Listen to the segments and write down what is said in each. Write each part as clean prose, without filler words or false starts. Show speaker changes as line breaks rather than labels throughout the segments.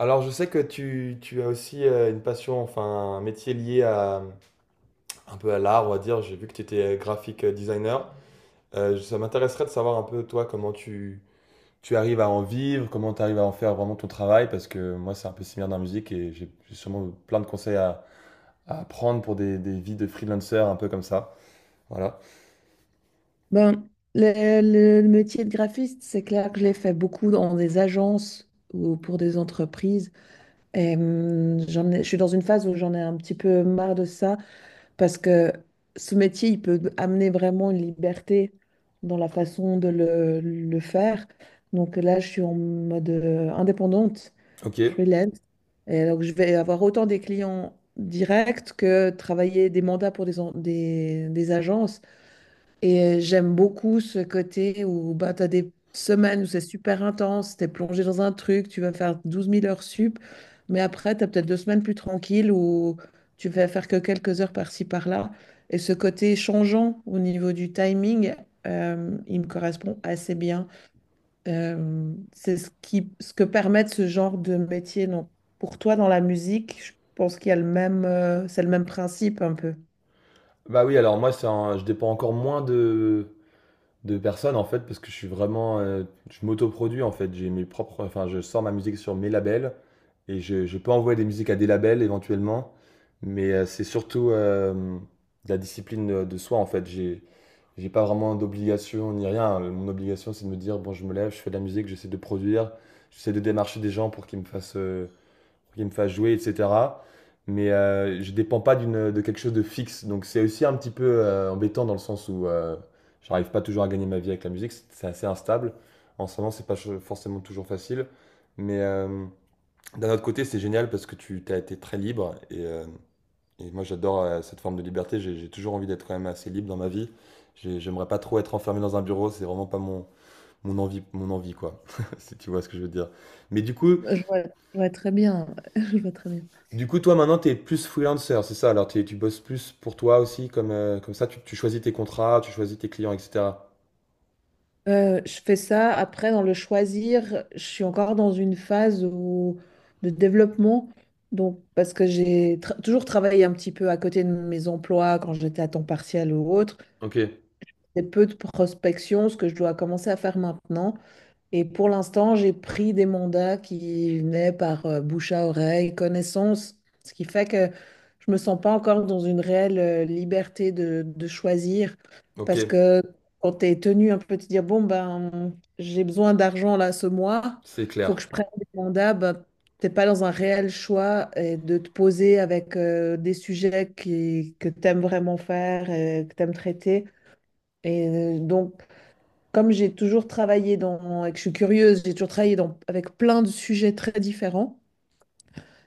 Alors, je sais que tu as aussi une passion, enfin un métier lié à, un peu à l'art, on va dire. J'ai vu que tu étais graphic designer. Ça m'intéresserait de savoir un peu, toi, tu arrives à en vivre, comment tu arrives à en faire vraiment ton travail, parce que moi, c'est un peu similaire dans la musique et j'ai sûrement plein de conseils à prendre pour des vies de freelancer un peu comme ça. Voilà.
Ben, le métier de graphiste, c'est clair que je l'ai fait beaucoup dans des agences ou pour des entreprises. Et, je suis dans une phase où j'en ai un petit peu marre de ça parce que ce métier, il peut amener vraiment une liberté dans la façon de le faire. Donc là, je suis en mode indépendante,
Ok.
freelance. Et donc, je vais avoir autant des clients directs que travailler des mandats pour des agences. Et j'aime beaucoup ce côté où bah, tu as des semaines où c'est super intense, tu es plongé dans un truc, tu vas faire 12 000 heures sup, mais après, tu as peut-être 2 semaines plus tranquilles où tu vas faire que quelques heures par-ci, par-là. Et ce côté changeant au niveau du timing, il me correspond assez bien. C'est ce que permet ce genre de métier. Donc, pour toi, dans la musique, je pense qu'il y a le même, c'est le même principe un peu.
Bah oui, alors moi, je dépends encore moins de personnes en fait parce que je suis vraiment je m'autoproduis en fait, j'ai mes propres, enfin je sors ma musique sur mes labels et je peux envoyer des musiques à des labels éventuellement, mais c'est surtout de la discipline de soi. En fait, j'ai pas vraiment d'obligation ni rien. Mon obligation, c'est de me dire, bon, je me lève, je fais de la musique, j'essaie de produire, j'essaie de démarcher des gens pour qu'ils me fassent pour qu'il me fasse jouer, etc. Mais je ne dépends pas d'une, de quelque chose de fixe. Donc c'est aussi un petit peu embêtant dans le sens où j'arrive pas toujours à gagner ma vie avec la musique. C'est assez instable. En ce moment, c'est pas ch- forcément toujours facile. Mais d'un autre côté, c'est génial parce que tu as été très libre. Et moi, j'adore cette forme de liberté. J'ai toujours envie d'être quand même assez libre dans ma vie. J'aimerais pas trop être enfermé dans un bureau. C'est vraiment pas mon, mon envie, quoi. Si tu vois ce que je veux dire. Mais du coup,
Je vois très bien. Je vois très bien.
Du coup, toi, maintenant, tu es plus freelancer, c'est ça? Alors, tu bosses plus pour toi aussi, comme, comme ça, tu choisis tes contrats, tu choisis tes clients, etc.
Je fais ça. Après, dans le choisir, je suis encore dans une phase de développement. Donc, parce que j'ai toujours travaillé un petit peu à côté de mes emplois quand j'étais à temps partiel ou autre.
Ok,
C'est peu de prospection, ce que je dois commencer à faire maintenant. Et pour l'instant, j'ai pris des mandats qui venaient par bouche à oreille, connaissance, ce qui fait que je me sens pas encore dans une réelle liberté de choisir
ok,
parce que quand tu es tenu un peu de te dire, bon, ben, j'ai besoin d'argent là ce mois,
c'est
il faut
clair.
que je prenne des mandats, ben, t'es pas dans un réel choix et de te poser avec des sujets que tu aimes vraiment faire, et que tu aimes traiter. Et donc, comme j'ai toujours travaillé dans, et que je suis curieuse, j'ai toujours travaillé dans, avec plein de sujets très différents.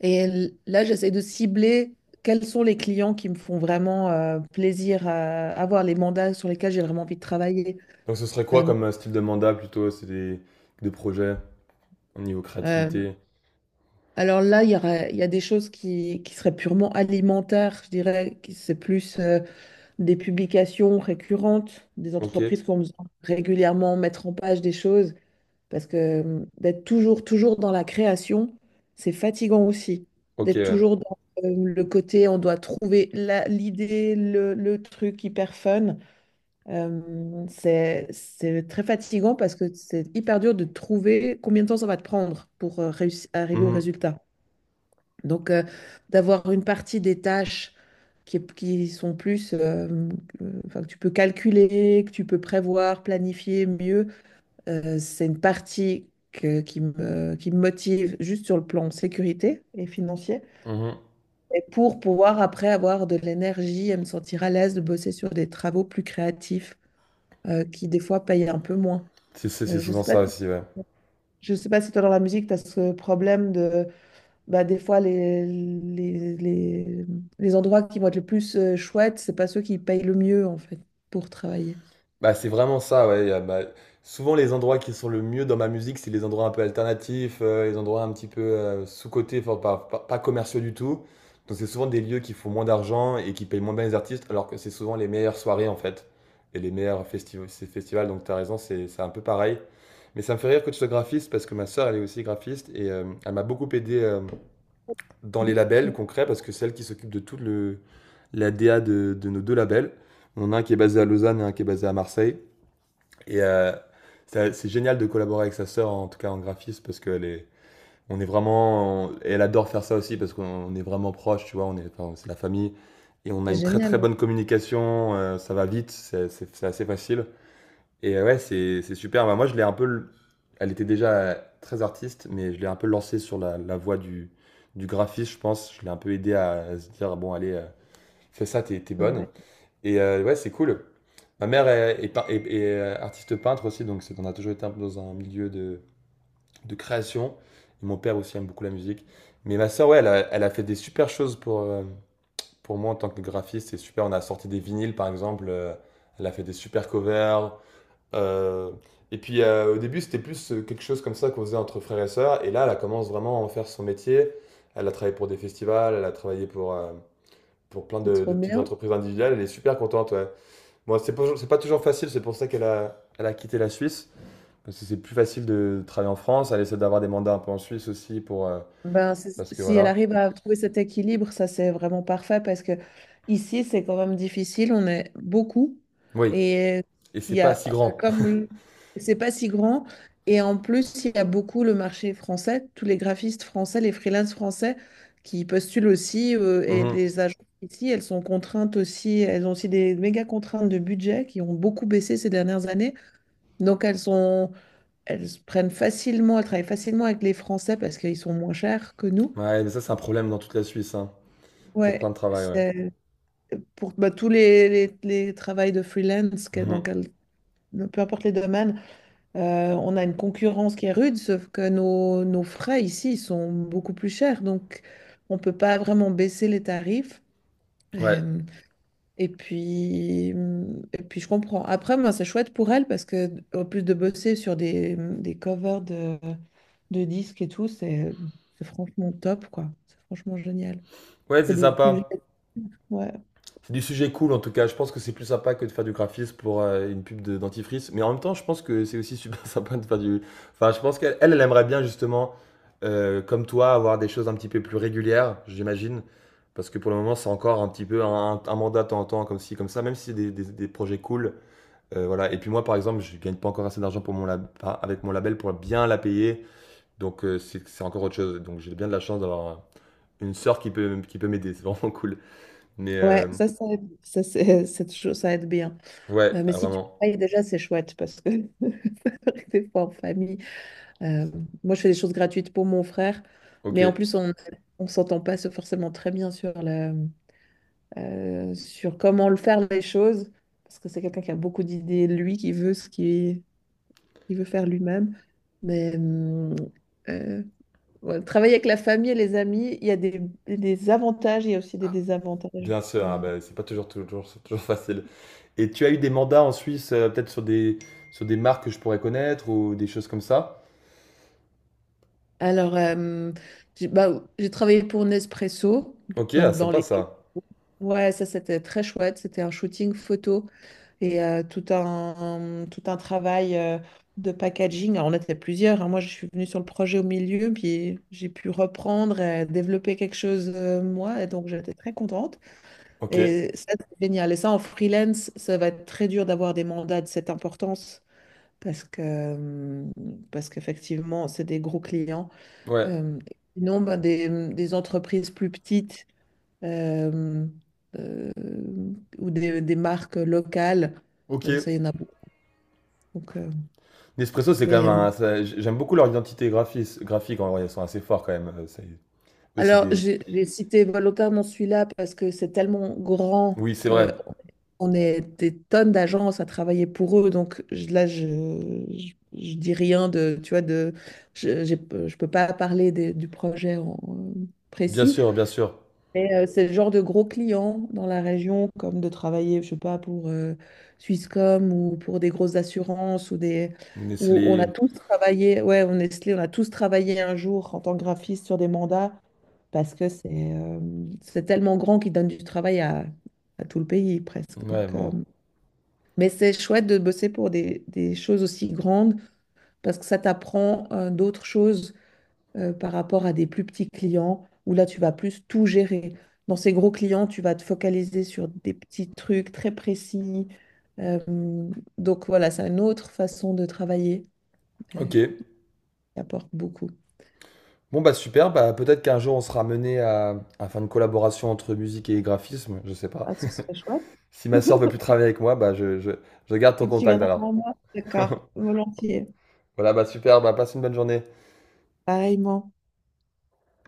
Et là, j'essaie de cibler quels sont les clients qui me font vraiment plaisir à avoir, les mandats sur lesquels j'ai vraiment envie de travailler.
Donc, ce serait quoi
Euh,
comme style de mandat plutôt? Des projets au niveau
euh,
créativité.
alors là, il y a des choses qui seraient purement alimentaires, je dirais, qui c'est plus des publications récurrentes, des
Ok,
entreprises qui vont régulièrement mettre en page des choses. Parce que d'être toujours, toujours dans la création, c'est fatigant aussi.
ok,
D'être
ouais.
toujours dans le côté, on doit trouver l'idée, le truc hyper fun. Euh, c'est très fatigant parce que c'est hyper dur de trouver combien de temps ça va te prendre pour arriver au
Mhm,
résultat. Donc, d'avoir une partie des tâches qui sont plus, enfin, que tu peux calculer, que tu peux prévoir, planifier mieux c'est une partie qui me motive juste sur le plan sécurité et financier,
mhm.
et pour pouvoir après avoir de l'énergie et me sentir à l'aise de bosser sur des travaux plus créatifs qui des fois payent un peu moins.
C'est
Euh, je
souvent
sais pas
ça
si,
aussi, ouais.
je sais pas si toi dans la musique, tu as ce problème de bah, des fois les endroits qui vont être le plus chouettes, c'est pas ceux qui payent le mieux en fait pour travailler.
Bah, c'est vraiment ça, ouais. Bah, souvent, les endroits qui sont le mieux dans ma musique, c'est les endroits un peu alternatifs, les endroits un petit peu sous-cotés, enfin, pas commerciaux du tout. Donc, c'est souvent des lieux qui font moins d'argent et qui payent moins bien les artistes, alors que c'est souvent les meilleures soirées, en fait, et les meilleurs ces festivals. Donc, tu as raison, c'est un peu pareil. Mais ça me fait rire que tu sois graphiste parce que ma sœur, elle est aussi graphiste et elle m'a beaucoup aidé dans les labels
Ouais,
concrets parce que c'est elle qui s'occupe de toute le, la DA de nos deux labels. On en a un qui est basé à Lausanne et un qui est basé à Marseille. Et c'est génial de collaborer avec sa sœur, en tout cas en graphisme, parce qu'elle est, on est vraiment, et elle adore faire ça aussi, parce qu'on est vraiment proches, tu vois, on est, enfin, c'est la famille, et on a
c'est
une très très
génial,
bonne
ouais.
communication, ça va vite, c'est assez facile. Et ouais, c'est super. Bah, moi, je l'ai un peu, elle était déjà très artiste, mais je l'ai un peu lancée sur la, la voie du graphisme, je pense. Je l'ai un peu aidé à se dire, bon, allez, fais ça, t'es bonne.
Ouais,
Et ouais, c'est cool. Ma mère est, artiste peintre aussi, donc on a toujours été un peu dans un milieu de création. Et mon père aussi aime beaucoup la musique. Mais ma sœur, ouais, elle a fait des super choses pour moi en tant que graphiste. C'est super. On a sorti des vinyles, par exemple. Elle a fait des super covers. Euh, et puis au début, c'était plus quelque chose comme ça qu'on faisait entre frères et sœurs. Et là, elle commence vraiment à en faire son métier. Elle a travaillé pour des festivals, elle a travaillé pour plein
c'est trop
de petites
bien.
entreprises individuelles. Elle est super contente, ouais. Bon, c'est pas toujours facile, c'est pour ça elle a quitté la Suisse. Parce que c'est plus facile de travailler en France. Elle essaie d'avoir des mandats un peu en Suisse aussi pour.
Ben,
Parce que
si elle
voilà.
arrive à trouver cet équilibre, ça c'est vraiment parfait parce que ici c'est quand même difficile, on est beaucoup
Oui,
et
et
il
c'est
y
pas
a
si
euh,
grand.
comme le- c'est pas si grand et en plus il y a beaucoup le marché français, tous les graphistes français, les freelances français qui postulent aussi et
Mhm.
les agences ici elles sont contraintes aussi, elles ont aussi des méga contraintes de budget qui ont beaucoup baissé ces dernières années donc elles prennent facilement, elles travaillent facilement avec les Français parce qu'ils sont moins chers que nous.
Ouais, mais ça, c'est un problème dans toute la Suisse, hein, pour plein
Ouais,
de travail, ouais.
c'est pour bah, tous les travails de freelance,
Mhm.
peu importe les domaines, on a une concurrence qui est rude, sauf que nos frais ici sont beaucoup plus chers, donc on peut pas vraiment baisser les tarifs.
Ouais.
Et, et puis, je comprends. Après, moi, c'est chouette pour elle parce que en plus de bosser sur des covers de disques et tout, c'est franchement top, quoi. C'est franchement génial.
Ouais,
C'est
c'est
des sujets.
sympa.
Ouais.
C'est du sujet cool en tout cas. Je pense que c'est plus sympa que de faire du graphisme pour une pub de dentifrice. Mais en même temps, je pense que c'est aussi super sympa de faire du. Enfin, je pense qu'elle, elle aimerait bien justement, comme toi, avoir des choses un petit peu plus régulières, j'imagine. Parce que pour le moment, c'est encore un petit peu un mandat de temps en temps, comme ci, comme ça, même si c'est des projets cool. Voilà. Et puis moi, par exemple, je gagne pas encore assez d'argent pour enfin, avec mon label pour bien la payer. Donc c'est encore autre chose. Donc j'ai bien de la chance d'avoir une sœur qui peut m'aider. C'est vraiment cool. Mais
Ouais, ça aide, ça, c'est toujours- ça aide bien.
ouais,
Mais
ah,
si tu
vraiment.
travailles déjà, c'est chouette parce que des fois en famille, euh, moi je fais des choses gratuites pour mon frère, mais
OK,
en plus on s'entend pas forcément très bien sur sur comment le faire les choses parce que c'est quelqu'un qui a beaucoup d'idées, lui qui veut ce qu'il veut faire lui-même. Mais euh, ouais, travailler avec la famille et les amis, il y a des avantages, il y a aussi des désavantages.
bien sûr, ah
Euh,
bah, c'est pas toujours c'est toujours facile. Et tu as eu des mandats en Suisse, peut-être sur des marques que je pourrais connaître ou des choses comme ça?
Alors, euh, j'ai bah, j'ai travaillé pour Nespresso,
OK, ah
donc dans
sympa
les...
ça.
Ouais, ça c'était très chouette, c'était un shooting photo et tout un travail de packaging. Alors, on était plusieurs, hein. Moi je suis venue sur le projet au milieu, puis j'ai pu reprendre et développer quelque chose moi, et donc j'étais très contente.
OK,
Et ça c'est génial. Et ça en freelance, ça va être très dur d'avoir des mandats de cette importance parce que, parce qu'effectivement c'est des gros clients.
ouais,
Euh, sinon, ben, des entreprises plus petites euh, euh, ou des marques locales,
OK.
ça, il y en a beaucoup. Donc,
Nespresso, c'est quand
mais,
même un ça, j'aime beaucoup leur identité graphis graphique en vrai, ils sont assez forts quand même, c'est eux, c'est
alors,
des
j'ai cité volontairement celui-là parce que c'est tellement grand
oui, c'est
que
vrai.
on est des tonnes d'agences à travailler pour eux. Donc, là, je dis rien de, tu vois, de, je j'ai- je peux pas parler du projet en,
Bien
précis.
sûr, bien sûr.
Mais c'est le genre de gros clients dans la région, comme de travailler, je sais pas, pour Swisscom ou pour des grosses assurances ou des... où
Nestlé,
on a tous travaillé, ouais, on Nestlé, on a tous travaillé un jour en tant que graphiste sur des mandats parce que c'est tellement grand qu'ils donnent du travail à tout le pays presque.
ouais, bon.
Mais c'est chouette de bosser pour des choses aussi grandes parce que ça t'apprend d'autres choses par rapport à des plus petits clients où là, tu vas plus tout gérer. Dans ces gros clients, tu vas te focaliser sur des petits trucs très précis. Euh, donc, voilà, c'est une autre façon de travailler euh,
OK.
qui apporte beaucoup.
Bon, bah, super, bah, peut-être qu'un jour on sera mené à faire une collaboration entre musique et graphisme, je sais pas.
Ah, ce serait chouette.
Si ma sœur veut plus travailler avec moi, bah je garde ton
Tu
contact
viendras
alors.
voir moi? D'accord, volontiers.
Voilà, bah super, bah passe une bonne journée.
Pareillement.